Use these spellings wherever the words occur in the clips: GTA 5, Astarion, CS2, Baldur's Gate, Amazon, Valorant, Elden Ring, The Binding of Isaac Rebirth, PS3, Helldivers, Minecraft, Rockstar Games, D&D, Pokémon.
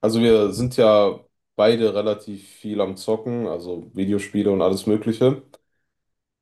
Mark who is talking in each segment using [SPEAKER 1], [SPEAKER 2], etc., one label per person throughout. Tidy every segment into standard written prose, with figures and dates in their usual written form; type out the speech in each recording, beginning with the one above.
[SPEAKER 1] Also wir sind ja beide relativ viel am Zocken, also Videospiele und alles Mögliche.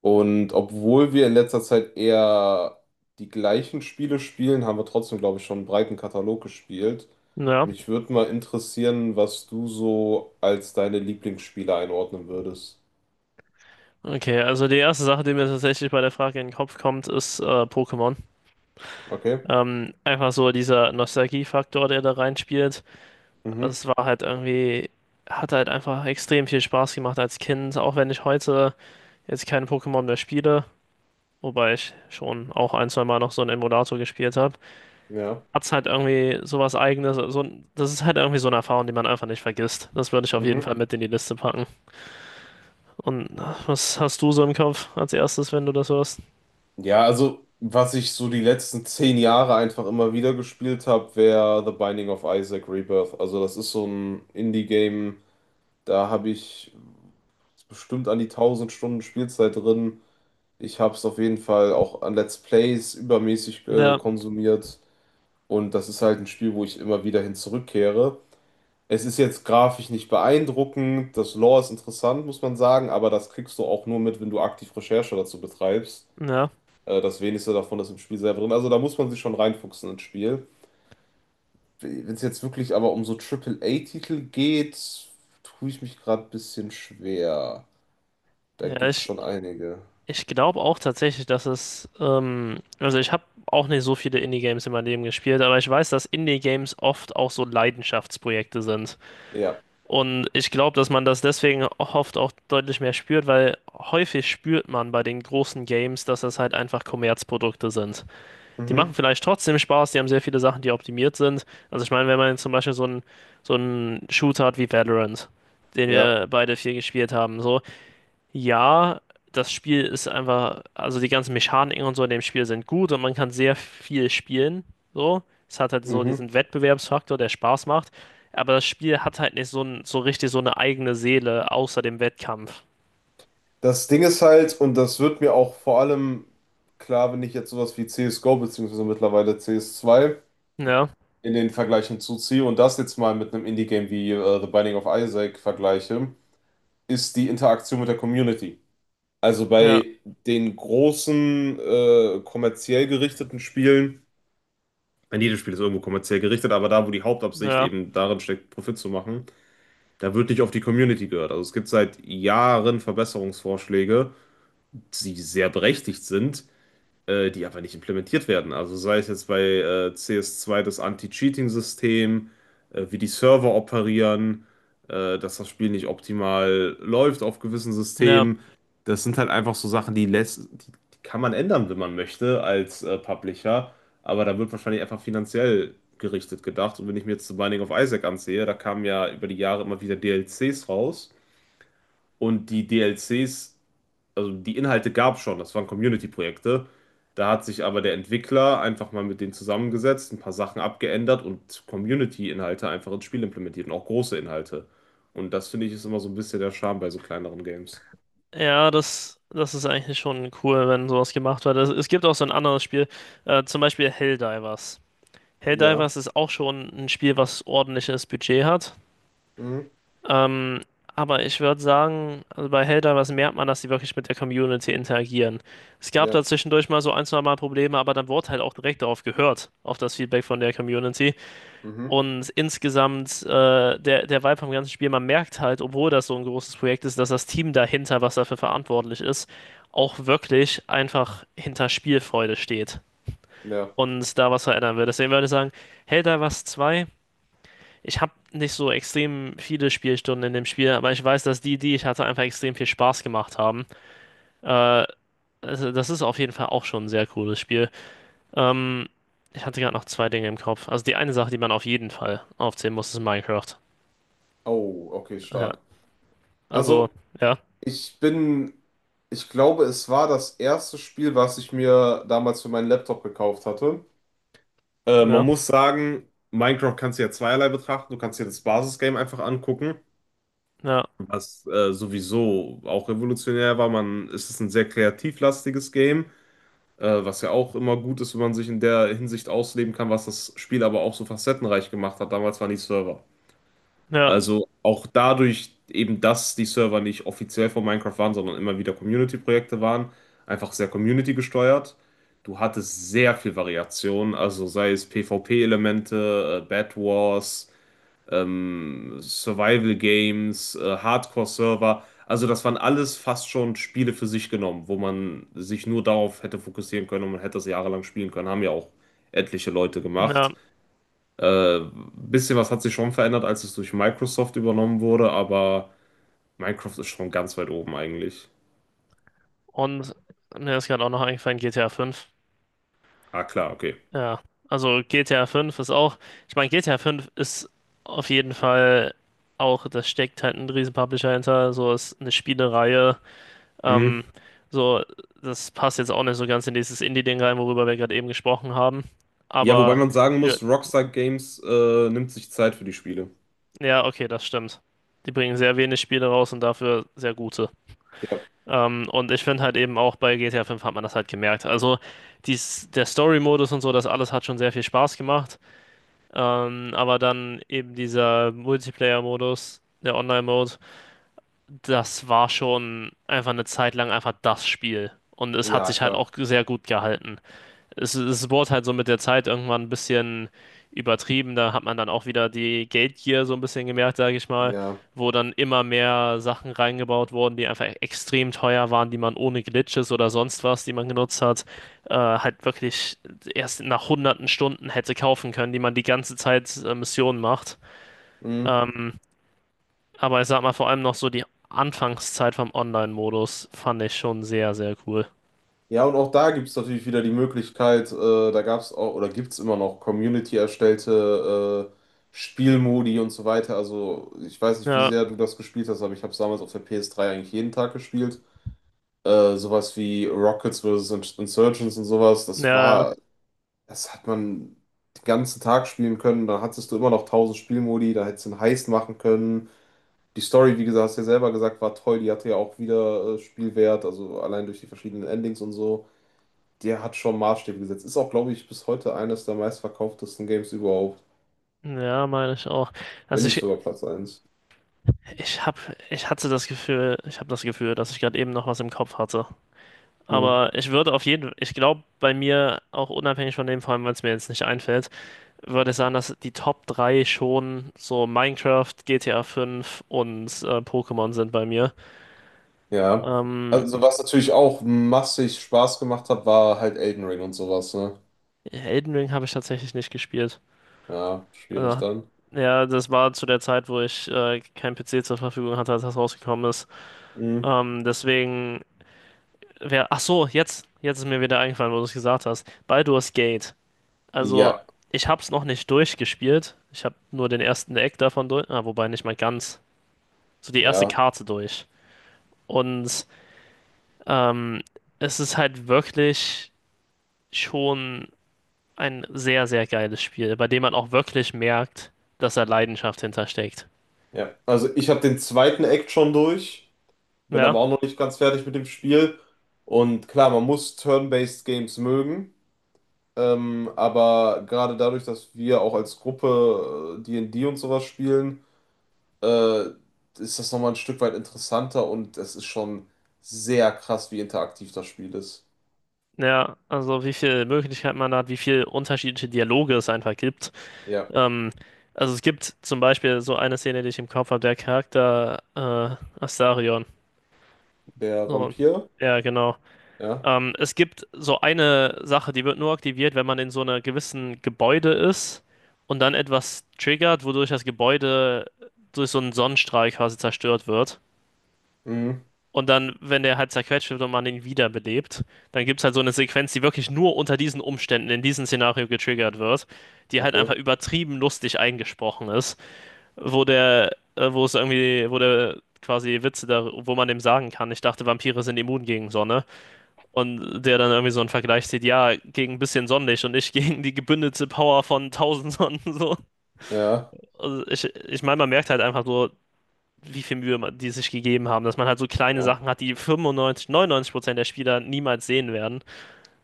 [SPEAKER 1] Und obwohl wir in letzter Zeit eher die gleichen Spiele spielen, haben wir trotzdem, glaube ich, schon einen breiten Katalog gespielt.
[SPEAKER 2] Ja,
[SPEAKER 1] Mich würde mal interessieren, was du so als deine Lieblingsspiele einordnen würdest.
[SPEAKER 2] okay. Also die erste Sache, die mir tatsächlich bei der Frage in den Kopf kommt, ist Pokémon.
[SPEAKER 1] Okay.
[SPEAKER 2] Einfach so dieser Nostalgiefaktor, der da reinspielt. Also
[SPEAKER 1] Mhm.
[SPEAKER 2] Es war halt irgendwie, hat halt einfach extrem viel Spaß gemacht als Kind, auch wenn ich heute jetzt keine Pokémon mehr spiele, wobei ich schon auch ein, zwei Mal noch so einen Emulator gespielt habe.
[SPEAKER 1] Ja.
[SPEAKER 2] Hat es halt irgendwie sowas Eigenes. So, das ist halt irgendwie so eine Erfahrung, die man einfach nicht vergisst. Das würde ich auf jeden
[SPEAKER 1] Mhm.
[SPEAKER 2] Fall mit in die Liste packen. Und was hast du so im Kopf als erstes, wenn du das hörst?
[SPEAKER 1] Ja, also was ich so die letzten zehn Jahre einfach immer wieder gespielt habe, wäre The Binding of Isaac Rebirth. Also das ist so ein Indie-Game. Da habe ich bestimmt an die 1000 Stunden Spielzeit drin. Ich habe es auf jeden Fall auch an Let's Plays übermäßig
[SPEAKER 2] Ja.
[SPEAKER 1] konsumiert. Und das ist halt ein Spiel, wo ich immer wieder hin zurückkehre. Es ist jetzt grafisch nicht beeindruckend. Das Lore ist interessant, muss man sagen. Aber das kriegst du auch nur mit, wenn du aktiv Recherche dazu betreibst.
[SPEAKER 2] Ja.
[SPEAKER 1] Das wenigste davon ist im Spiel selber drin. Also da muss man sich schon reinfuchsen ins Spiel. Wenn es jetzt wirklich aber um so A titel geht, tue ich mich gerade ein bisschen schwer. Da
[SPEAKER 2] Ja,
[SPEAKER 1] gibt's schon einige.
[SPEAKER 2] ich glaube auch tatsächlich, dass es, also ich habe auch nicht so viele Indie-Games in meinem Leben gespielt, aber ich weiß, dass Indie-Games oft auch so Leidenschaftsprojekte sind.
[SPEAKER 1] Ja.
[SPEAKER 2] Und ich glaube, dass man das deswegen oft auch deutlich mehr spürt, weil häufig spürt man bei den großen Games, dass das halt einfach Kommerzprodukte sind. Die
[SPEAKER 1] Mhm.
[SPEAKER 2] machen vielleicht trotzdem Spaß, die haben sehr viele Sachen, die optimiert sind. Also ich meine, wenn man zum Beispiel so einen Shooter hat wie Valorant, den
[SPEAKER 1] Ja.
[SPEAKER 2] wir beide viel gespielt haben, so. Ja, das Spiel ist einfach, also die ganzen Mechaniken und so in dem Spiel sind gut und man kann sehr viel spielen. So, es hat halt so
[SPEAKER 1] Mhm.
[SPEAKER 2] diesen Wettbewerbsfaktor, der Spaß macht. Aber das Spiel hat halt nicht so, so richtig so eine eigene Seele außer dem Wettkampf.
[SPEAKER 1] Das Ding ist halt, und das wird mir auch vor allem klar, wenn ich jetzt sowas wie CSGO beziehungsweise mittlerweile CS2
[SPEAKER 2] Ja,
[SPEAKER 1] in den Vergleichen zuziehe und das jetzt mal mit einem Indie-Game wie The Binding of Isaac vergleiche, ist die Interaktion mit der Community. Also
[SPEAKER 2] ja,
[SPEAKER 1] bei den großen, kommerziell gerichteten Spielen, ich meine, jedes Spiel ist irgendwo kommerziell gerichtet, aber da, wo die Hauptabsicht
[SPEAKER 2] ja,
[SPEAKER 1] eben darin steckt, Profit zu machen, da wird nicht auf die Community gehört. Also es gibt seit Jahren Verbesserungsvorschläge, die sehr berechtigt sind, die einfach nicht implementiert werden. Also sei es jetzt bei cs zwei das Anti-Cheating-System, wie die Server operieren, dass das Spiel nicht optimal läuft auf gewissen
[SPEAKER 2] ja,
[SPEAKER 1] Systemen. Das sind halt einfach so Sachen, die kann man ändern, wenn man möchte, als Publisher. Aber da wird wahrscheinlich einfach finanziell gerichtet gedacht. Und wenn ich mir jetzt The Binding of Isaac ansehe, da kamen ja über die Jahre immer wieder DLCs raus. Und die DLCs, also die Inhalte, gab es schon, das waren Community-Projekte. Da hat sich aber der Entwickler einfach mal mit denen zusammengesetzt, ein paar Sachen abgeändert und Community-Inhalte einfach ins Spiel implementiert und auch große Inhalte. Und das finde ich ist immer so ein bisschen der Charme bei so kleineren Games.
[SPEAKER 2] ja, das ist eigentlich schon cool, wenn sowas gemacht wird. Es gibt auch so ein anderes Spiel, zum Beispiel Helldivers.
[SPEAKER 1] Ja,
[SPEAKER 2] Helldivers ist auch schon ein Spiel, was ordentliches Budget hat.
[SPEAKER 1] mhm.
[SPEAKER 2] Ähm, aber ich würde sagen, also bei Helldivers was merkt man, dass sie wirklich mit der Community interagieren. Es gab
[SPEAKER 1] Ja,
[SPEAKER 2] da zwischendurch mal so ein, zwei Mal Probleme, aber dann wurde halt auch direkt darauf gehört, auf das Feedback von der Community.
[SPEAKER 1] mhm.
[SPEAKER 2] Und insgesamt, der Vibe vom ganzen Spiel, man merkt halt, obwohl das so ein großes Projekt ist, dass das Team dahinter, was dafür verantwortlich ist, auch wirklich einfach hinter Spielfreude steht
[SPEAKER 1] Ja.
[SPEAKER 2] und da was verändern will. Deswegen würde ich sagen, Helldivers zwei ich habe nicht so extrem viele Spielstunden in dem Spiel, aber ich weiß, dass die, die ich hatte, einfach extrem viel Spaß gemacht haben. Äh, also das ist auf jeden Fall auch schon ein sehr cooles Spiel. Ähm, ich hatte gerade noch zwei Dinge im Kopf. Also die eine Sache, die man auf jeden Fall aufzählen muss, ist Minecraft.
[SPEAKER 1] Oh, okay,
[SPEAKER 2] Ja,
[SPEAKER 1] stark.
[SPEAKER 2] also
[SPEAKER 1] Also,
[SPEAKER 2] ja,
[SPEAKER 1] ich bin, ich glaube, es war das erste Spiel, was ich mir damals für meinen Laptop gekauft hatte. Man
[SPEAKER 2] ja,
[SPEAKER 1] muss sagen, Minecraft kannst du ja zweierlei betrachten. Du kannst dir das Basisgame einfach angucken,
[SPEAKER 2] ja,
[SPEAKER 1] was sowieso auch revolutionär war. Man, es ist ein sehr kreativlastiges Game, was ja auch immer gut ist, wenn man sich in der Hinsicht ausleben kann, was das Spiel aber auch so facettenreich gemacht hat. Damals waren die Server.
[SPEAKER 2] ja,
[SPEAKER 1] Also auch dadurch eben, dass die Server nicht offiziell von Minecraft waren, sondern immer wieder Community-Projekte waren, einfach sehr Community gesteuert. Du hattest sehr viel Variation, also sei es PvP-Elemente, Bed Wars, Survival Games, Hardcore-Server. Also das waren alles fast schon Spiele für sich genommen, wo man sich nur darauf hätte fokussieren können und man hätte das jahrelang spielen können. Haben ja auch etliche Leute
[SPEAKER 2] ja.
[SPEAKER 1] gemacht. Bisschen was hat sich schon verändert, als es durch Microsoft übernommen wurde, aber Minecraft ist schon ganz weit oben eigentlich.
[SPEAKER 2] Und mir ist gerade auch noch eingefallen, GTA 5.
[SPEAKER 1] Ah, klar, okay.
[SPEAKER 2] Ja, also GTA 5 ist auch, ich meine, GTA 5 ist auf jeden Fall auch, das steckt halt ein riesen Publisher hinter, so ist eine Spielereihe,
[SPEAKER 1] Mhm.
[SPEAKER 2] ähm, so, das passt jetzt auch nicht so ganz in dieses Indie-Ding rein, worüber wir gerade eben gesprochen haben,
[SPEAKER 1] Ja, wobei
[SPEAKER 2] aber
[SPEAKER 1] man sagen
[SPEAKER 2] für,
[SPEAKER 1] muss, Rockstar Games nimmt sich Zeit für die Spiele.
[SPEAKER 2] ja, okay, das stimmt. Die bringen sehr wenig Spiele raus und dafür sehr gute.
[SPEAKER 1] Ja,
[SPEAKER 2] Und ich finde halt eben auch bei GTA 5 hat man das halt gemerkt. Also der Story-Modus und so, das alles hat schon sehr viel Spaß gemacht. Aber dann eben dieser Multiplayer-Modus, der Online-Mode, das war schon einfach eine Zeit lang einfach das Spiel. Und es hat
[SPEAKER 1] ja,
[SPEAKER 2] sich halt
[SPEAKER 1] klar.
[SPEAKER 2] auch sehr gut gehalten. Es wurde halt so mit der Zeit irgendwann ein bisschen übertrieben. Da hat man dann auch wieder die Geldgier so ein bisschen gemerkt, sage ich mal,
[SPEAKER 1] Ja.
[SPEAKER 2] wo dann immer mehr Sachen reingebaut wurden, die einfach extrem teuer waren, die man ohne Glitches oder sonst was, die man genutzt hat, halt wirklich erst nach hunderten Stunden hätte kaufen können, die man die ganze Zeit Missionen macht.
[SPEAKER 1] Mhm.
[SPEAKER 2] Ähm, aber ich sag mal, vor allem noch so die Anfangszeit vom Online-Modus fand ich schon sehr, sehr cool.
[SPEAKER 1] Ja, und auch da gibt es natürlich wieder die Möglichkeit, da gab es auch, oder gibt es immer noch Community-erstellte Spielmodi und so weiter. Also ich weiß nicht, wie
[SPEAKER 2] Ja,
[SPEAKER 1] sehr du das gespielt hast, aber ich habe es damals auf der PS3 eigentlich jeden Tag gespielt. Sowas wie Rockets versus Insurgents und sowas,
[SPEAKER 2] ja,
[SPEAKER 1] das hat man den ganzen Tag spielen können, da hattest du immer noch tausend Spielmodi, da hättest du einen Heist machen können. Die Story, wie gesagt, hast du ja selber gesagt, war toll, die hatte ja auch wieder Spielwert, also allein durch die verschiedenen Endings und so. Der hat schon Maßstäbe gesetzt. Ist auch, glaube ich, bis heute eines der meistverkauftesten Games überhaupt,
[SPEAKER 2] ja, meine ich auch.
[SPEAKER 1] wenn
[SPEAKER 2] Also
[SPEAKER 1] nicht
[SPEAKER 2] ich,
[SPEAKER 1] sogar Platz eins.
[SPEAKER 2] Ich hab, ich habe das Gefühl, dass ich gerade eben noch was im Kopf hatte.
[SPEAKER 1] Hm.
[SPEAKER 2] Aber ich würde auf jeden, ich glaube, bei mir, auch unabhängig von dem, vor allem, weil es mir jetzt nicht einfällt, würde ich sagen, dass die Top 3 schon so Minecraft, GTA 5 und Pokémon sind bei mir.
[SPEAKER 1] Ja.
[SPEAKER 2] Ähm,
[SPEAKER 1] Also, was natürlich auch massig Spaß gemacht hat, war halt Elden Ring und sowas, ne?
[SPEAKER 2] Elden Ring habe ich tatsächlich nicht gespielt.
[SPEAKER 1] Ja, schwierig
[SPEAKER 2] Also,
[SPEAKER 1] dann.
[SPEAKER 2] ja, das war zu der Zeit, wo ich kein PC zur Verfügung hatte, als das rausgekommen ist.
[SPEAKER 1] Mhm.
[SPEAKER 2] Ähm, deswegen ach so, jetzt ist mir wieder eingefallen, wo du es gesagt hast. Baldur's Gate. Also,
[SPEAKER 1] Ja,
[SPEAKER 2] ich hab's noch nicht durchgespielt. Ich hab nur den ersten Eck davon durch. Ah, wobei nicht mal ganz. So die erste
[SPEAKER 1] ja,
[SPEAKER 2] Karte durch. Und ähm, es ist halt wirklich schon ein sehr, sehr geiles Spiel, bei dem man auch wirklich merkt, dass da Leidenschaft hintersteckt.
[SPEAKER 1] ja. Also ich habe den zweiten Act schon durch, bin aber
[SPEAKER 2] Ja,
[SPEAKER 1] auch noch nicht ganz fertig mit dem Spiel. Und klar, man muss Turn-based Games mögen. Aber gerade dadurch, dass wir auch als Gruppe D&D und D und sowas spielen, äh, ist das nochmal ein Stück weit interessanter und es ist schon sehr krass, wie interaktiv das Spiel ist.
[SPEAKER 2] ja, also wie viel Möglichkeit man hat, wie viel unterschiedliche Dialoge es einfach gibt.
[SPEAKER 1] Ja,
[SPEAKER 2] Ähm, also es gibt zum Beispiel so eine Szene, die ich im Kopf habe, der Charakter Astarion.
[SPEAKER 1] der
[SPEAKER 2] So,
[SPEAKER 1] Vampir?
[SPEAKER 2] ja, genau.
[SPEAKER 1] Ja.
[SPEAKER 2] Es gibt so eine Sache, die wird nur aktiviert, wenn man in so einer gewissen Gebäude ist und dann etwas triggert, wodurch das Gebäude durch so einen Sonnenstrahl quasi zerstört wird.
[SPEAKER 1] Mhm.
[SPEAKER 2] Und dann, wenn der halt zerquetscht wird und man ihn wiederbelebt, dann gibt es halt so eine Sequenz, die wirklich nur unter diesen Umständen, in diesem Szenario getriggert wird, die halt einfach
[SPEAKER 1] Okay.
[SPEAKER 2] übertrieben lustig eingesprochen ist. Wo der quasi Witze da, wo man dem sagen kann, ich dachte, Vampire sind immun gegen Sonne. Und der dann irgendwie so einen Vergleich zieht, ja, gegen ein bisschen Sonnenlicht und ich gegen die gebündelte Power von tausend Sonnen. So.
[SPEAKER 1] Ja.
[SPEAKER 2] Also ich meine, man merkt halt einfach so, wie viel Mühe man, die sich gegeben haben, dass man halt so kleine
[SPEAKER 1] Ja.
[SPEAKER 2] Sachen hat, die 95, 99% der Spieler niemals sehen werden.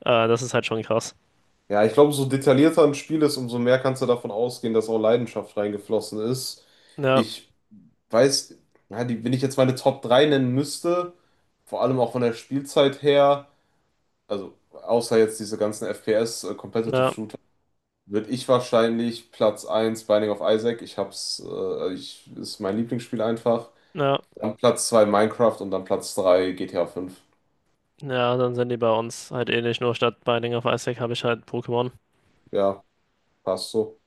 [SPEAKER 2] Das ist halt schon krass.
[SPEAKER 1] Ja, ich glaube, so detaillierter ein Spiel ist, umso mehr kannst du davon ausgehen, dass auch Leidenschaft reingeflossen ist.
[SPEAKER 2] Ja,
[SPEAKER 1] Ich weiß, ja, wenn ich jetzt meine Top 3 nennen müsste, vor allem auch von der Spielzeit her, also außer jetzt diese ganzen FPS, Competitive
[SPEAKER 2] ja,
[SPEAKER 1] Shooter, würde ich wahrscheinlich Platz eins Binding of Isaac, ist mein Lieblingsspiel einfach,
[SPEAKER 2] ja.
[SPEAKER 1] dann Platz 2 Minecraft und dann Platz 3 GTA 5.
[SPEAKER 2] Ja, dann sind die bei uns halt ähnlich, nur statt Binding of Isaac habe ich halt Pokémon.
[SPEAKER 1] Ja, passt so.